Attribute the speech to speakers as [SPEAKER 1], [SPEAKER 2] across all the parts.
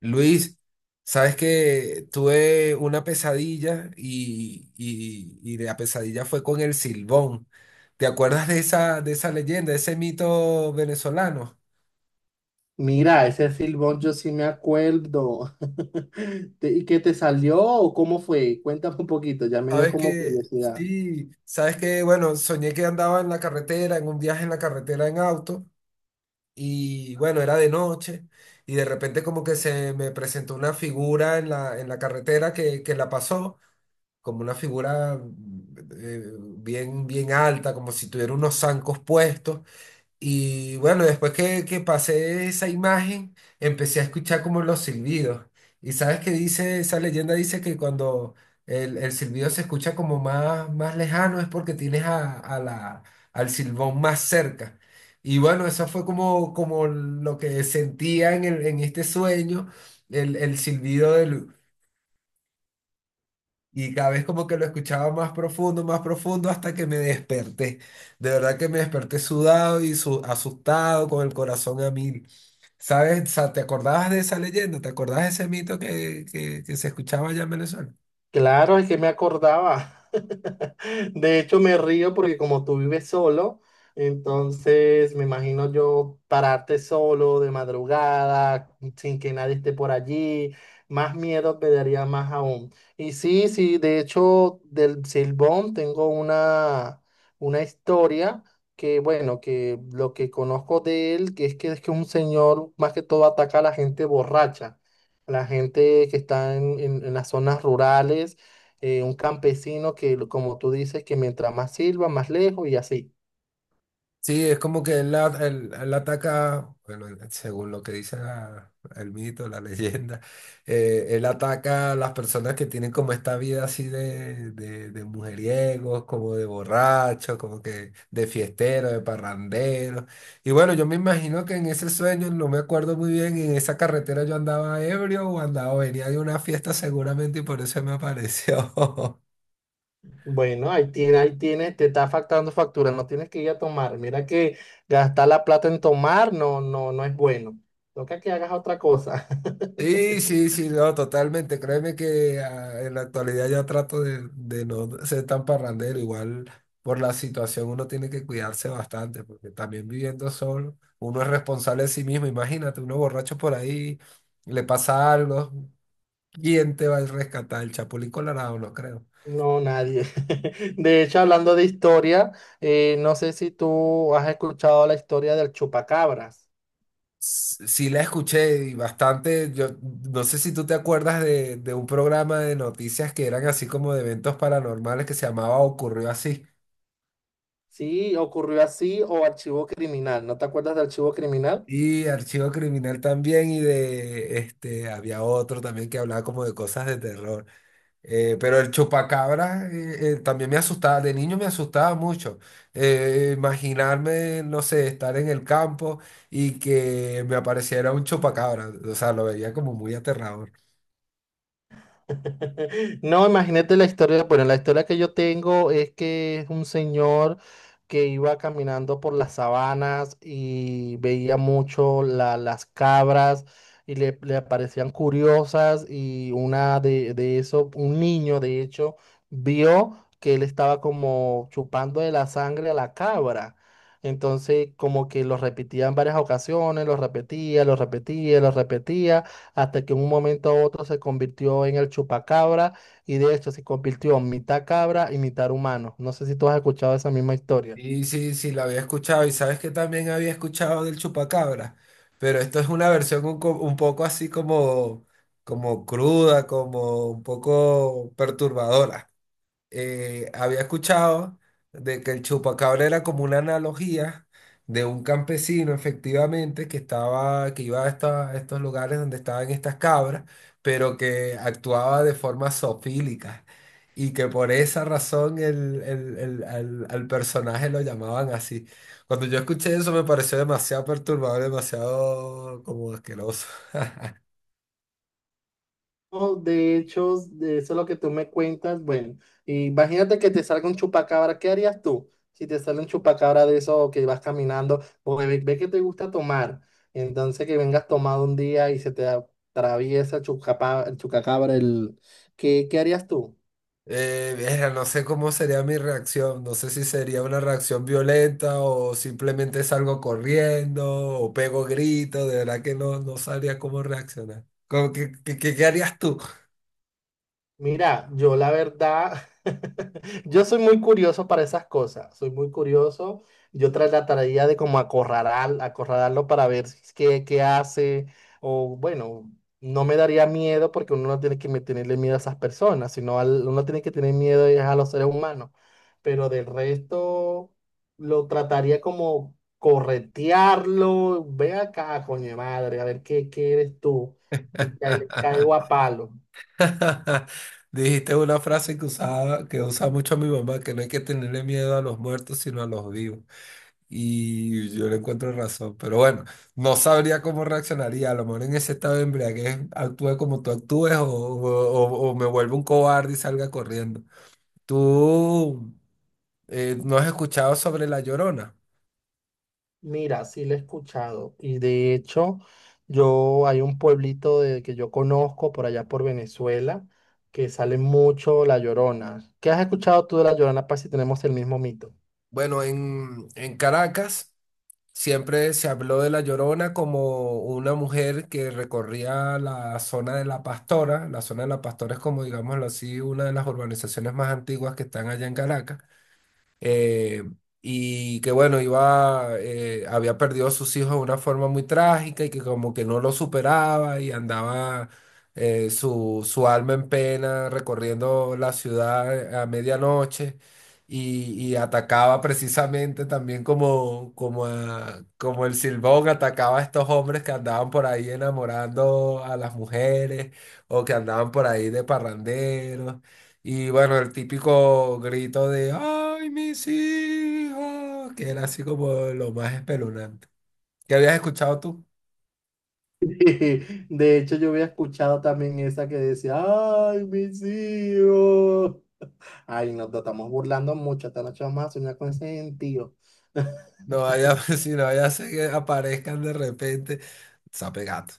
[SPEAKER 1] Luis, sabes que tuve una pesadilla y la pesadilla fue con el Silbón. ¿Te acuerdas de esa leyenda, de ese mito venezolano?
[SPEAKER 2] Mira, ese silbón yo sí me acuerdo. ¿Y qué te salió o cómo fue? Cuéntame un poquito, ya me dio
[SPEAKER 1] Sabes
[SPEAKER 2] como
[SPEAKER 1] que,
[SPEAKER 2] curiosidad.
[SPEAKER 1] sí, sabes que, bueno, soñé que andaba en la carretera, en un viaje en la carretera en auto, y bueno, era de noche, y de repente como que se me presentó una figura en la carretera que la pasó, como una figura bien alta, como si tuviera unos zancos puestos. Y bueno, después que pasé esa imagen, empecé a escuchar como los silbidos. Y sabes que dice, esa leyenda dice que cuando el silbido se escucha como más lejano es porque tienes a la al silbón más cerca. Y bueno, eso fue como, como lo que sentía en, en este sueño, el silbido del, y cada vez como que lo escuchaba más profundo, hasta que me desperté. De verdad que me desperté sudado y asustado, con el corazón a mil. ¿Sabes? O sea, ¿te acordabas de esa leyenda? ¿Te acordabas de ese mito que se escuchaba allá en Venezuela?
[SPEAKER 2] Claro, es que me acordaba. De hecho, me río porque como tú vives solo, entonces me imagino yo pararte solo de madrugada, sin que nadie esté por allí, más miedo me daría más aún. Y sí, sí, de hecho, del Silbón tengo una historia que, bueno, que lo que conozco de él, que es que es que un señor más que todo ataca a la gente borracha, la gente que está en las zonas rurales, un campesino que, como tú dices, que mientras más silba, más lejos y así.
[SPEAKER 1] Sí, es como que él, él ataca, bueno, según lo que dice el mito, la leyenda, él ataca a las personas que tienen como esta vida así de mujeriegos, como de borrachos, como que de fiesteros, de parranderos. Y bueno, yo me imagino que en ese sueño, no me acuerdo muy bien, en esa carretera yo andaba ebrio o andaba, venía de una fiesta seguramente y por eso me apareció.
[SPEAKER 2] Bueno, ahí tiene, te está faltando factura, no tienes que ir a tomar. Mira que gastar la plata en tomar no, no, no es bueno. Toca que hagas otra cosa.
[SPEAKER 1] Sí, sí, sí, no, totalmente. Créeme que en la actualidad ya trato de no ser tan parrandero. Igual por la situación uno tiene que cuidarse bastante, porque también viviendo solo, uno es responsable de sí mismo. Imagínate, uno borracho por ahí, le pasa algo, ¿quién te va a rescatar? El Chapulín Colorado, no creo.
[SPEAKER 2] No, nadie. De hecho, hablando de historia, no sé si tú has escuchado la historia del chupacabras.
[SPEAKER 1] Sí, la escuché y bastante. Yo no sé si tú te acuerdas de un programa de noticias que eran así como de eventos paranormales que se llamaba Ocurrió Así.
[SPEAKER 2] Sí, ocurrió así o archivo criminal. ¿No te acuerdas de archivo criminal?
[SPEAKER 1] Y Archivo Criminal también, y de este, había otro también que hablaba como de cosas de terror. Pero el chupacabra también me asustaba, de niño me asustaba mucho. Imaginarme, no sé, estar en el campo y que me apareciera un chupacabra, o sea, lo veía como muy aterrador.
[SPEAKER 2] No, imagínate la historia. Bueno, la historia que yo tengo es que es un señor que iba caminando por las sabanas y veía mucho las cabras y le parecían curiosas y una de eso, un niño de hecho, vio que él estaba como chupando de la sangre a la cabra. Entonces, como que lo repetía en varias ocasiones, lo repetía, lo repetía, lo repetía hasta que en un momento a otro se convirtió en el chupacabra y de hecho se convirtió en mitad cabra y mitad humano. No sé si tú has escuchado esa misma historia.
[SPEAKER 1] Sí, sí, sí, la había escuchado y sabes que también había escuchado del chupacabra, pero esto es una versión un poco así como, como cruda, como un poco perturbadora. Había escuchado de que el chupacabra era como una analogía de un campesino, efectivamente, que estaba, que iba a, a estos lugares donde estaban estas cabras, pero que actuaba de forma zoofílica. Y que por esa razón al personaje lo llamaban así. Cuando yo escuché eso me pareció demasiado perturbador, demasiado como asqueroso.
[SPEAKER 2] No, de hecho, de eso es lo que tú me cuentas. Bueno, imagínate que te salga un chupacabra, ¿qué harías tú? Si te sale un chupacabra de eso que vas caminando, porque ve, ve que te gusta tomar, entonces que vengas tomado un día y se te atraviesa el el chupacabra, el... ¿Qué, qué harías tú?
[SPEAKER 1] Verga, no sé cómo sería mi reacción, no sé si sería una reacción violenta o simplemente salgo corriendo o pego gritos, de verdad que no, no sabría cómo reaccionar. ¿ Qué harías tú?
[SPEAKER 2] Mira, yo la verdad, yo soy muy curioso para esas cosas, soy muy curioso. Yo tras la tarea de como acorralar, acorralarlo para ver si es que- qué hace, o bueno, no me daría miedo porque uno no tiene que tenerle miedo a esas personas, uno tiene que tener miedo es a los seres humanos. Pero del resto, lo trataría como corretearlo, ve acá, coño de madre, a ver qué, qué eres tú, y le caigo a palo.
[SPEAKER 1] Dijiste una frase que usaba, que usa mucho mi mamá, que no hay que tenerle miedo a los muertos, sino a los vivos. Y yo le encuentro razón, pero bueno, no sabría cómo reaccionaría. A lo mejor en ese estado de embriaguez actúe como tú actúes o o me vuelvo un cobarde y salga corriendo. ¿Tú no has escuchado sobre La Llorona?
[SPEAKER 2] Mira, sí lo he escuchado. Y de hecho, yo hay un pueblito que yo conozco por allá por Venezuela que sale mucho La Llorona. ¿Qué has escuchado tú de La Llorona para si tenemos el mismo mito?
[SPEAKER 1] Bueno, en Caracas siempre se habló de La Llorona como una mujer que recorría la zona de La Pastora. La zona de La Pastora es como, digámoslo así, una de las urbanizaciones más antiguas que están allá en Caracas, eh, y que bueno, iba, había perdido a sus hijos de una forma muy trágica y que como que no lo superaba y andaba, su alma en pena recorriendo la ciudad a medianoche, y atacaba precisamente también como el Silbón atacaba a estos hombres que andaban por ahí enamorando a las mujeres o que andaban por ahí de parranderos. Y bueno, el típico grito de ¡Ay, mis hijos! Que era así como lo más espeluznante. ¿Qué habías escuchado tú?
[SPEAKER 2] De hecho, yo había escuchado también esa que decía, ay, mis hijos. Ay, nos estamos burlando mucho, esta noche vamos a soñar con ese gentío.
[SPEAKER 1] No vaya, si no vaya a ser que aparezcan de repente. Sape gato.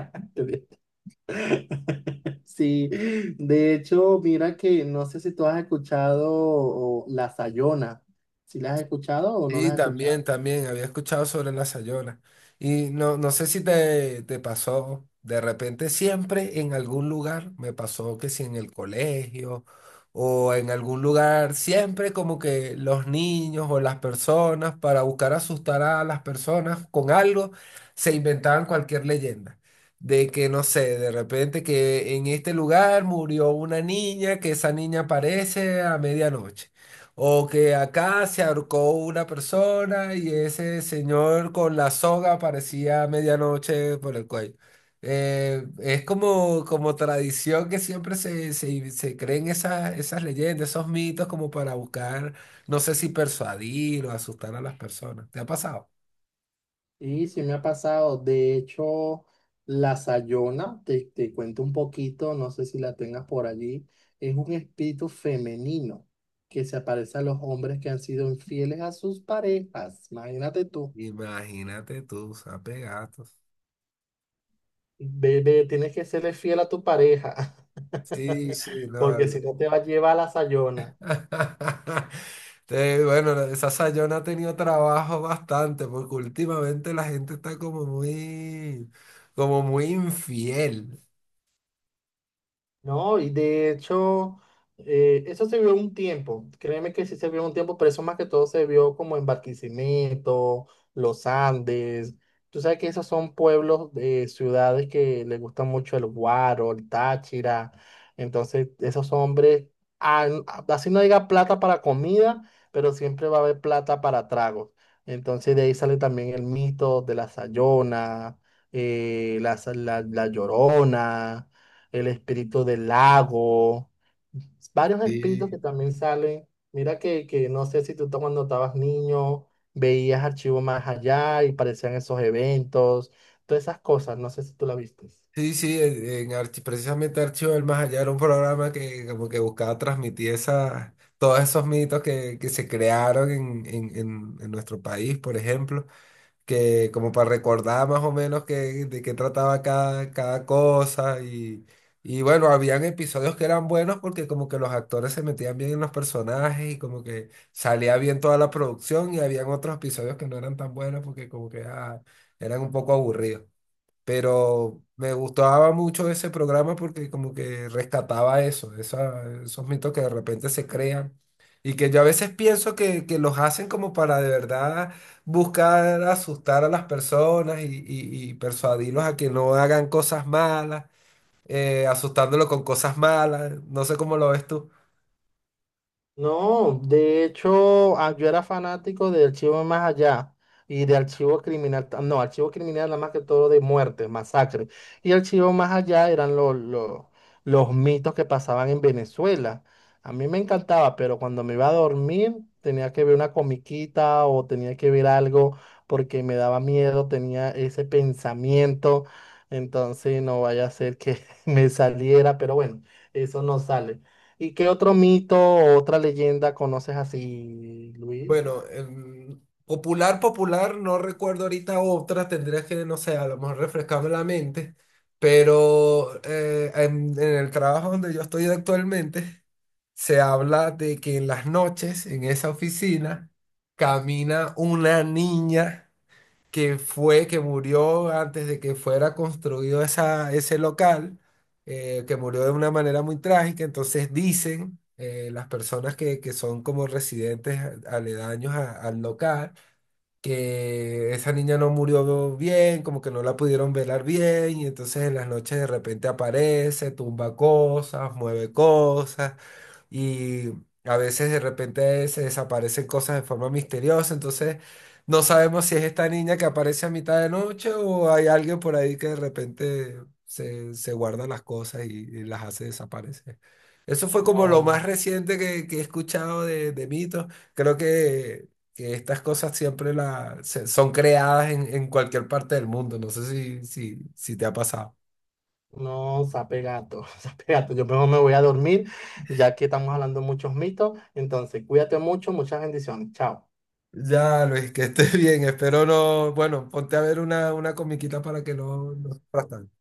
[SPEAKER 2] Sí, de hecho, mira que no sé si tú has escuchado o La Sayona, si la has escuchado o no
[SPEAKER 1] Sí,
[SPEAKER 2] la has escuchado.
[SPEAKER 1] también, también, había escuchado sobre la Sayola. Y no, no sé si te, te pasó, de repente siempre en algún lugar, me pasó que si en el colegio o en algún lugar, siempre como que los niños o las personas, para buscar asustar a las personas con algo, se inventaban cualquier leyenda. De que, no sé, de repente que en este lugar murió una niña, que esa niña aparece a medianoche. O que acá se ahorcó una persona y ese señor con la soga aparecía a medianoche por el cuello. Es como, como tradición que siempre se creen esas leyendas, esos mitos como para buscar, no sé si persuadir o asustar a las personas. ¿Te ha pasado?
[SPEAKER 2] Y sí me ha pasado, de hecho, La Sayona, te cuento un poquito, no sé si la tengas por allí, es un espíritu femenino que se aparece a los hombres que han sido infieles a sus parejas. Imagínate tú,
[SPEAKER 1] Imagínate tú, sape gatos.
[SPEAKER 2] bebé, tienes que serle fiel a tu pareja,
[SPEAKER 1] Sí, sí, no.
[SPEAKER 2] porque si no te va a llevar a La Sayona.
[SPEAKER 1] Bueno, esa Sayona ha tenido trabajo bastante porque últimamente la gente está como muy infiel.
[SPEAKER 2] No, y de hecho, eso se vio un tiempo, créeme que sí se vio un tiempo, pero eso más que todo se vio como en Barquisimeto, Los Andes. Tú sabes que esos son pueblos de ciudades que les gusta mucho el guaro, el Táchira. Entonces, esos hombres, así no diga plata para comida, pero siempre va a haber plata para tragos. Entonces, de ahí sale también el mito de la Sayona, la Llorona, el espíritu del lago, varios espíritus que
[SPEAKER 1] Sí,
[SPEAKER 2] también salen. Mira que no sé si tú cuando estabas niño veías archivos más allá y parecían esos eventos, todas esas cosas, no sé si tú la viste.
[SPEAKER 1] sí, sí, en precisamente Archivo del Más Allá era un programa que como que buscaba transmitir esa, todos esos mitos que se crearon en nuestro país, por ejemplo, que como para recordar más o menos que, de qué trataba cada, cada cosa, y bueno, habían episodios que eran buenos porque como que los actores se metían bien en los personajes y como que salía bien toda la producción y habían otros episodios que no eran tan buenos porque como que eran un poco aburridos. Pero me gustaba mucho ese programa porque como que rescataba eso, esos mitos que de repente se crean y que yo a veces pienso que los hacen como para de verdad buscar asustar a las personas y y- persuadirlos a que no hagan cosas malas, asustándolos con cosas malas. No sé cómo lo ves tú.
[SPEAKER 2] No, de hecho, ah, yo era fanático de Archivo Más Allá y de Archivo Criminal. No, Archivo Criminal era más que todo de muerte, masacre. Y Archivo Más Allá eran los mitos que pasaban en Venezuela. A mí me encantaba, pero cuando me iba a dormir tenía que ver una comiquita o tenía que ver algo porque me daba miedo, tenía ese pensamiento. Entonces no vaya a ser que me saliera, pero bueno, eso no sale. ¿Y qué otro mito o otra leyenda conoces así, Luis?
[SPEAKER 1] Bueno, popular, popular, no recuerdo ahorita otra, tendría que, no sé, a lo mejor refrescarme la mente, pero en el trabajo donde yo estoy actualmente, se habla de que en las noches, en esa oficina, camina una niña que fue, que murió antes de que fuera construido esa, ese local, que murió de una manera muy trágica. Entonces dicen las personas que son como residentes aledaños al local que esa niña no murió bien, como que no la pudieron velar bien, y entonces en las noches de repente aparece, tumba cosas, mueve cosas, y a veces de repente se desaparecen cosas de forma misteriosa, entonces no sabemos si es esta niña que aparece a mitad de noche o hay alguien por ahí que de repente se guarda las cosas y las hace desaparecer. Eso fue como lo
[SPEAKER 2] No,
[SPEAKER 1] más reciente que he escuchado de mitos. Creo que estas cosas siempre son creadas en cualquier parte del mundo. No sé si te ha pasado.
[SPEAKER 2] no, sape gato, sape gato. Yo mejor me voy a dormir, ya que estamos hablando de muchos mitos. Entonces, cuídate mucho, muchas bendiciones. Chao.
[SPEAKER 1] Ya, Luis, que estés bien. Espero no. Bueno, ponte a ver una comiquita para que no, no sufras tanto.